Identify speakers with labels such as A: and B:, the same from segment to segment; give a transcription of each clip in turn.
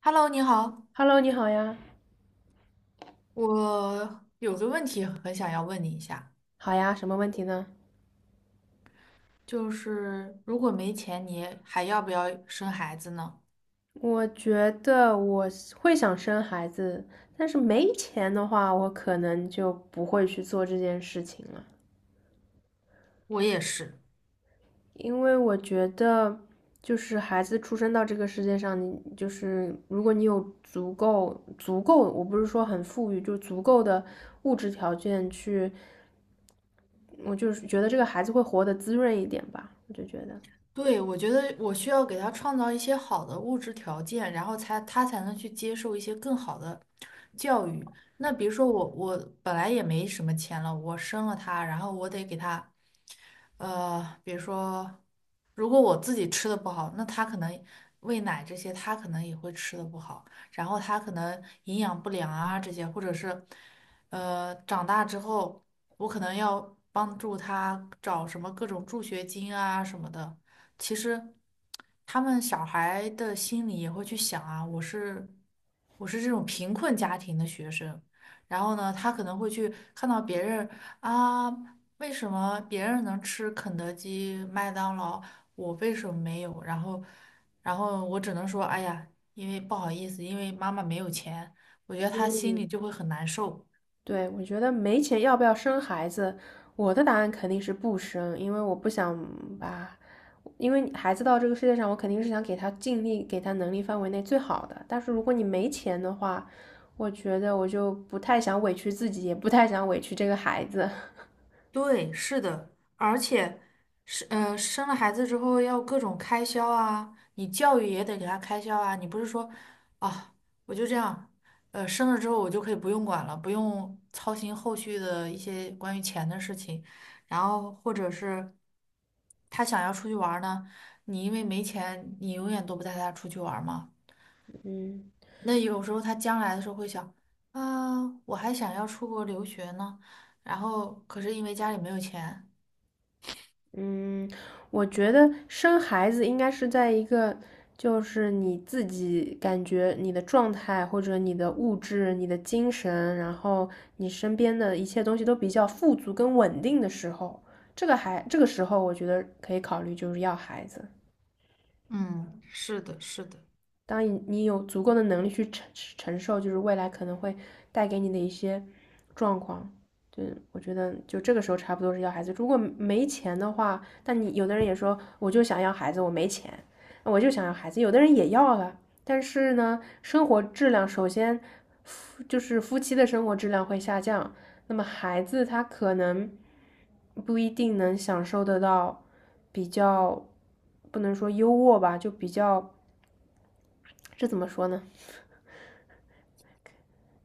A: Hello，你好，
B: Hello，你好呀，
A: 我有个问题很想要问你一下，
B: 好呀，什么问题呢？
A: 就是如果没钱，你还要不要生孩子呢？
B: 我觉得我是会想生孩子，但是没钱的话，我可能就不会去做这件事情了，
A: 我也是，
B: 因为我觉得，就是孩子出生到这个世界上，你就是如果你有足够，我不是说很富裕，就足够的物质条件去，我就是觉得这个孩子会活得滋润一点吧，我就觉得。
A: 对，我觉得我需要给他创造一些好的物质条件，然后才他才能去接受一些更好的教育。那比如说我本来也没什么钱了，我生了他，然后我得给他，比如说，如果我自己吃的不好，那他可能喂奶这些，他可能也会吃的不好，然后他可能营养不良啊这些，或者是，长大之后我可能要帮助他找什么各种助学金啊什么的。其实他们小孩的心里也会去想啊，我是这种贫困家庭的学生，然后呢，他可能会去看到别人啊，为什么别人能吃肯德基、麦当劳，我为什么没有？然后，然后我只能说，哎呀，因为不好意思，因为妈妈没有钱。我觉得他心里就会很难受。
B: 对，我觉得没钱要不要生孩子，我的答案肯定是不生，因为我不想把，因为孩子到这个世界上，我肯定是想给他尽力，给他能力范围内最好的。但是如果你没钱的话，我觉得我就不太想委屈自己，也不太想委屈这个孩子。
A: 对，是的，而且是生了孩子之后要各种开销啊，你教育也得给他开销啊，你不是说啊，我就这样，生了之后我就可以不用管了，不用操心后续的一些关于钱的事情，然后或者是他想要出去玩儿呢，你因为没钱，你永远都不带他出去玩儿嘛。
B: 嗯，
A: 那有时候他将来的时候会想啊，我还想要出国留学呢，然后可是因为家里没有钱。
B: 嗯，我觉得生孩子应该是在一个，就是你自己感觉你的状态或者你的物质、你的精神，然后你身边的一切东西都比较富足跟稳定的时候，这个还这个时候，我觉得可以考虑就是要孩子。
A: 嗯，是的，是的，
B: 当你有足够的能力去承受，就是未来可能会带给你的一些状况。对，我觉得就这个时候差不多是要孩子。如果没钱的话，但你有的人也说，我就想要孩子，我没钱，我就想要孩子。有的人也要了，但是呢，生活质量首先就是夫妻的生活质量会下降，那么孩子他可能不一定能享受得到比较，不能说优渥吧，就比较这怎么说呢？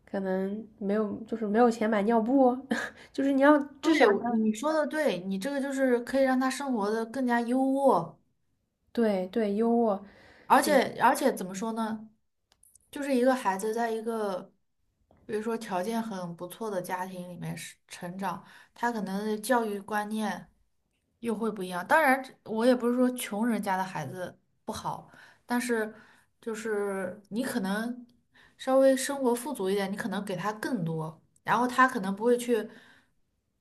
B: 可能没有，就是没有钱买尿布哦，就是你要至
A: 对，
B: 少你
A: 我
B: 要
A: 你说的对，你这个就是可以让他生活的更加优渥，
B: 对对优渥，
A: 而
B: 对
A: 且而且怎么说呢，就是一个孩子在一个，比如说条件很不错的家庭里面是成长，他可能的教育观念又会不一样。当然，我也不是说穷人家的孩子不好，但是就是你可能稍微生活富足一点，你可能给他更多。然后他可能不会去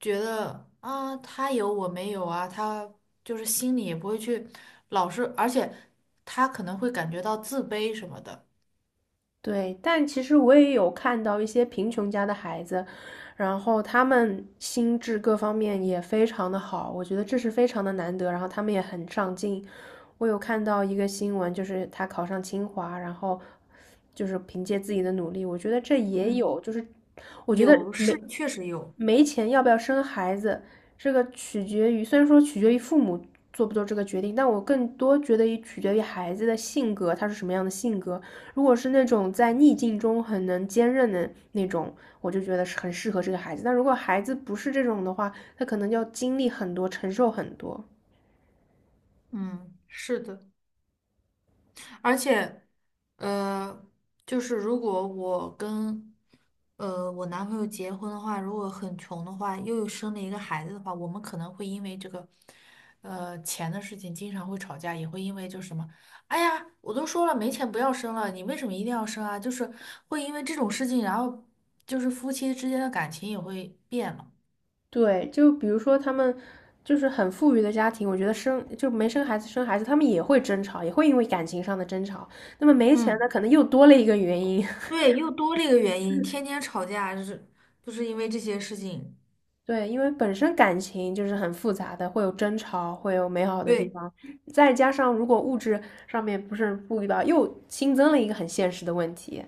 A: 觉得啊，他有我没有啊，他就是心里也不会去老是，而且他可能会感觉到自卑什么的。
B: 对。但其实我也有看到一些贫穷家的孩子，然后他们心智各方面也非常的好，我觉得这是非常的难得。然后他们也很上进，我有看到一个新闻，就是他考上清华，然后就是凭借自己的努力，我觉得这也
A: 嗯，
B: 有，就是我觉得
A: 有
B: 没
A: 是确实有，
B: 没钱要不要生孩子，这个取决于，虽然说取决于父母做不做这个决定，但我更多觉得也取决于孩子的性格，他是什么样的性格。如果是那种在逆境中很能坚韧的那种，我就觉得是很适合这个孩子。但如果孩子不是这种的话，他可能要经历很多，承受很多。
A: 嗯，是的。而且，呃，就是如果我跟我男朋友结婚的话，如果很穷的话，又有生了一个孩子的话，我们可能会因为这个钱的事情经常会吵架，也会因为就是什么，哎呀，我都说了没钱不要生了，你为什么一定要生啊？就是会因为这种事情，然后就是夫妻之间的感情也会变了。
B: 对，就比如说他们就是很富裕的家庭，我觉得生就没生孩子生孩子，他们也会争吵，也会因为感情上的争吵。那么没钱的
A: 嗯，
B: 可能又多了一个原因。
A: 对，又多了一个原因，天天吵架，就是因为这些事情。
B: 对，因为本身感情就是很复杂的，会有争吵，会有美好的地
A: 对。
B: 方，再加上如果物质上面不是富裕吧，又新增了一个很现实的问题。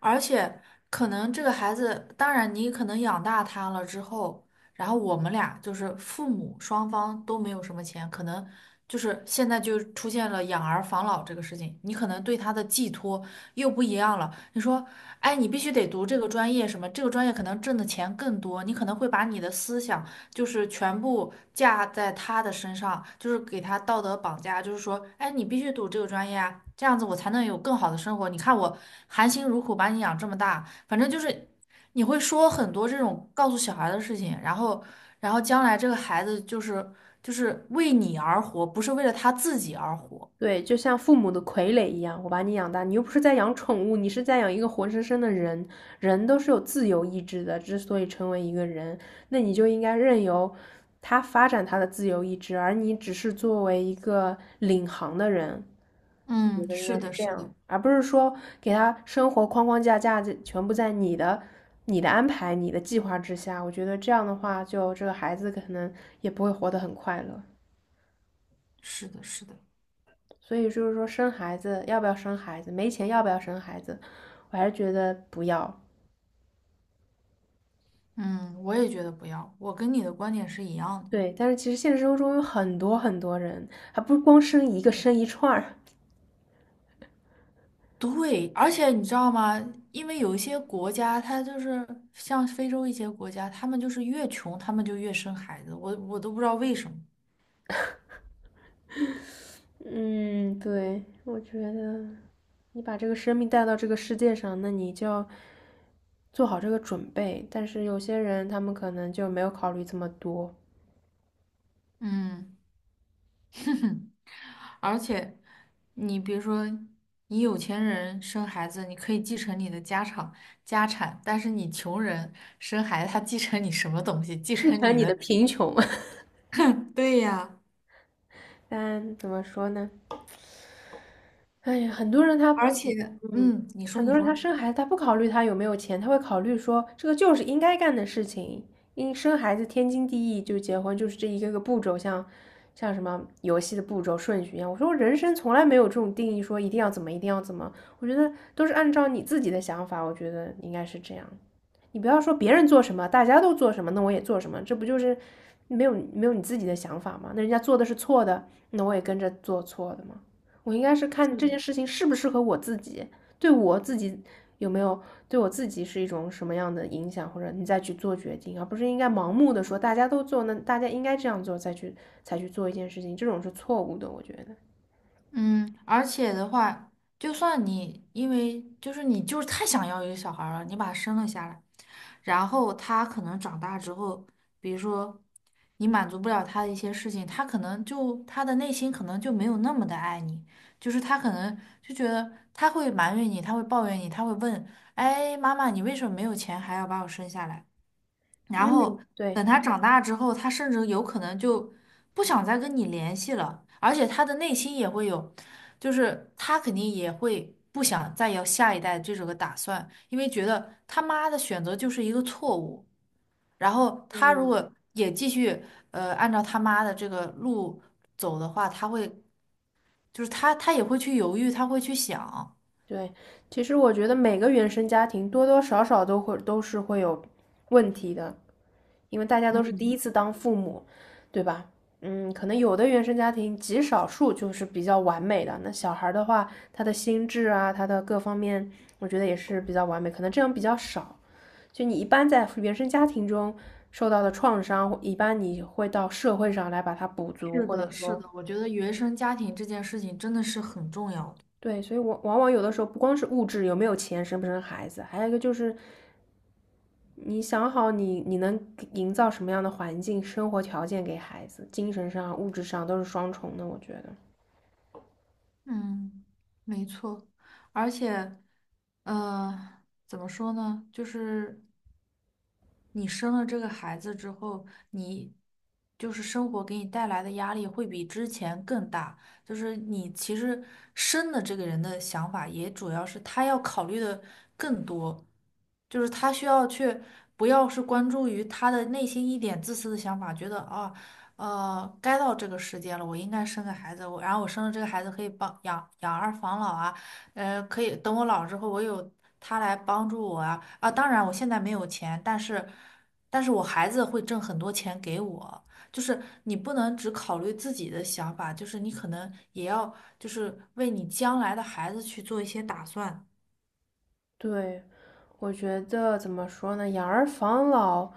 A: 而且可能这个孩子，当然你可能养大他了之后，然后我们俩就是父母双方都没有什么钱，可能就是现在就出现了养儿防老这个事情，你可能对他的寄托又不一样了。你说，哎，你必须得读这个专业，什么这个专业可能挣的钱更多，你可能会把你的思想就是全部架在他的身上，就是给他道德绑架，就是说，哎，你必须读这个专业啊，这样子我才能有更好的生活。你看我含辛茹苦把你养这么大，反正就是。你会说很多这种告诉小孩的事情，然后，然后将来这个孩子就是为你而活，不是为了他自己而活。
B: 对，就像父母的傀儡一样，我把你养大，你又不是在养宠物，你是在养一个活生生的人。人都是有自由意志的，之所以成为一个人，那你就应该任由他发展他的自由意志，而你只是作为一个领航的人，我觉
A: 嗯，
B: 得应
A: 是
B: 该是
A: 的，
B: 这
A: 是的，
B: 样，而不是说给他生活框架在全部在你的、你的安排、你的计划之下。我觉得这样的话，就这个孩子可能也不会活得很快乐。
A: 是的，是的，
B: 所以就是说生孩子要不要生孩子，没钱要不要生孩子，我还是觉得不要。
A: 嗯，我也觉得不要，我跟你的观点是一样的。
B: 对，但是其实现实生活中有很多很多人，还不是光生一个，生一串儿。
A: 对，而且你知道吗？因为有一些国家，它就是像非洲一些国家，他们就是越穷，他们就越生孩子，我都不知道为什么。
B: 嗯，对，我觉得你把这个生命带到这个世界上，那你就要做好这个准备。但是有些人他们可能就没有考虑这么多，
A: 嗯。而且，你比如说，你有钱人生孩子，你可以继承你的家产，但是你穷人生孩子，他继承你什么东西？继
B: 继
A: 承
B: 承
A: 你
B: 你的
A: 的。
B: 贫穷。
A: 对呀，
B: 但怎么说呢？哎呀，很多人他，
A: 而且，
B: 嗯，
A: 嗯，你说，
B: 很多
A: 你
B: 人他
A: 说。
B: 生孩子，他不考虑他有没有钱，他会考虑说这个就是应该干的事情，因生孩子天经地义，就结婚就是这一个个步骤，像什么游戏的步骤顺序一样。我说我人生从来没有这种定义，说一定要怎么一定要怎么，我觉得都是按照你自己的想法，我觉得应该是这样。你不要说别人做什么，大家都做什么，那我也做什么，这不就是没有你自己的想法吗？那人家做的是错的，那我也跟着做错的吗？我应该是看这件事情适不适合我自己，对我自己有没有对我自己是一种什么样的影响，或者你再去做决定，而不是应该盲目的说大家都做，那大家应该这样做再去才去做一件事情，这种是错误的，我觉得。
A: 嗯，而且的话，就算你因为就是你就是太想要一个小孩儿了，你把他生了下来，然后他可能长大之后，比如说你满足不了他的一些事情，他可能就他的内心可能就没有那么的爱你，就是他可能就觉得他会埋怨你，他会抱怨你，他会问，哎，妈妈，你为什么没有钱还要把我生下来？然
B: 嗯
A: 后
B: 对
A: 等他长大之后，他甚至有可能就不想再跟你联系了，而且他的内心也会有，就是他肯定也会不想再有下一代这种个打算，因为觉得他妈的选择就是一个错误。然后他如
B: 嗯
A: 果也继续按照他妈的这个路走的话，他会就是他也会去犹豫，他会去想。
B: 对，其实我觉得每个原生家庭多多少少都是会有问题的，因为大家都是第一次当父母，对吧？嗯，可能有的原生家庭极少数就是比较完美的，那小孩儿的话，他的心智啊，他的各方面，我觉得也是比较完美，可能这样比较少。就你一般在原生家庭中受到的创伤，一般你会到社会上来把它补足，
A: 是
B: 或者
A: 的，是
B: 说，
A: 的，我觉得原生家庭这件事情真的是很重要的。
B: 对，所以我往往有的时候不光是物质有没有钱，生不生孩子，还有一个就是你想好你能营造什么样的环境、生活条件给孩子，精神上、物质上都是双重的，我觉得。
A: 嗯，没错，而且，怎么说呢？就是你生了这个孩子之后，你就是生活给你带来的压力会比之前更大。就是你其实生的这个人的想法，也主要是他要考虑的更多，就是他需要去不要是关注于他的内心一点自私的想法，觉得啊，该到这个时间了，我应该生个孩子，我然后我生了这个孩子可以帮养儿防老啊。呃，可以等我老了之后，我有他来帮助我啊啊！当然，我现在没有钱，但是，但是我孩子会挣很多钱给我。就是你不能只考虑自己的想法，就是你可能也要就是为你将来的孩子去做一些打算。
B: 对，我觉得怎么说呢？养儿防老，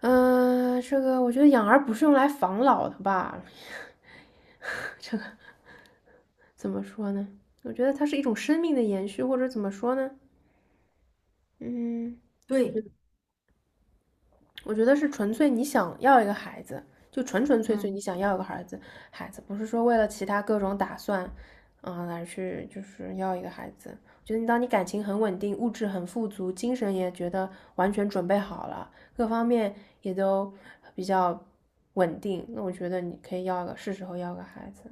B: 嗯、呃这个我觉得养儿不是用来防老的吧？怎么说呢？我觉得它是一种生命的延续，或者怎么说呢？嗯，我觉
A: 对。
B: 得。我觉得是纯粹你想要一个孩子，就纯粹你想
A: 嗯。
B: 要一个孩子，孩子不是说为了其他各种打算，嗯，而去就是要一个孩子。我觉得你当你感情很稳定，物质很富足，精神也觉得完全准备好了，各方面也都比较稳定，那我觉得你可以要一个，是时候要个孩子。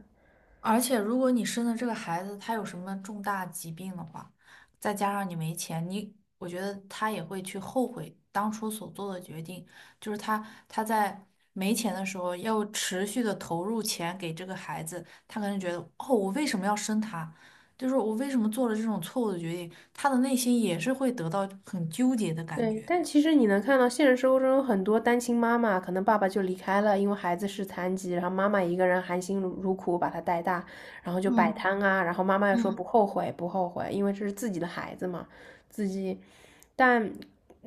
A: 而且，如果你生的这个孩子他有什么重大疾病的话，再加上你没钱，你我觉得他也会去后悔当初所做的决定。就是他在没钱的时候要持续的投入钱给这个孩子，他可能觉得哦，我为什么要生他？就是我为什么做了这种错误的决定？他的内心也是会得到很纠结的感
B: 对，
A: 觉。
B: 但其实你能看到现实生活中有很多单亲妈妈，可能爸爸就离开了，因为孩子是残疾，然后妈妈一个人含辛茹苦把他带大，然后就摆
A: 嗯
B: 摊啊，然后妈妈又说
A: 嗯，
B: 不后悔，不后悔，因为这是自己的孩子嘛，自己。但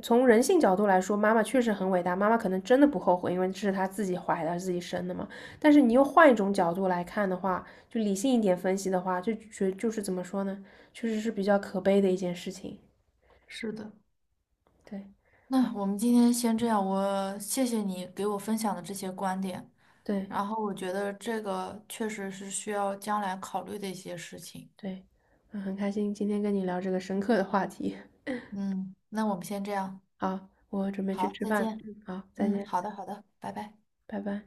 B: 从人性角度来说，妈妈确实很伟大，妈妈可能真的不后悔，因为这是她自己怀的，自己生的嘛。但是你又换一种角度来看的话，就理性一点分析的话，就就是怎么说呢，确实是比较可悲的一件事情。
A: 是的，
B: 对，好，
A: 那我们今天先这样，我谢谢你给我分享的这些观点。
B: 对。
A: 然后我觉得这个确实是需要将来考虑的一些事情。
B: 对，嗯，很开心今天跟你聊这个深刻的话题。
A: 嗯，那我们先这样，
B: 好，我准备去
A: 好，
B: 吃
A: 再
B: 饭。
A: 见。
B: 嗯，好，再
A: 嗯，
B: 见，
A: 好的，好的，拜拜。
B: 拜拜。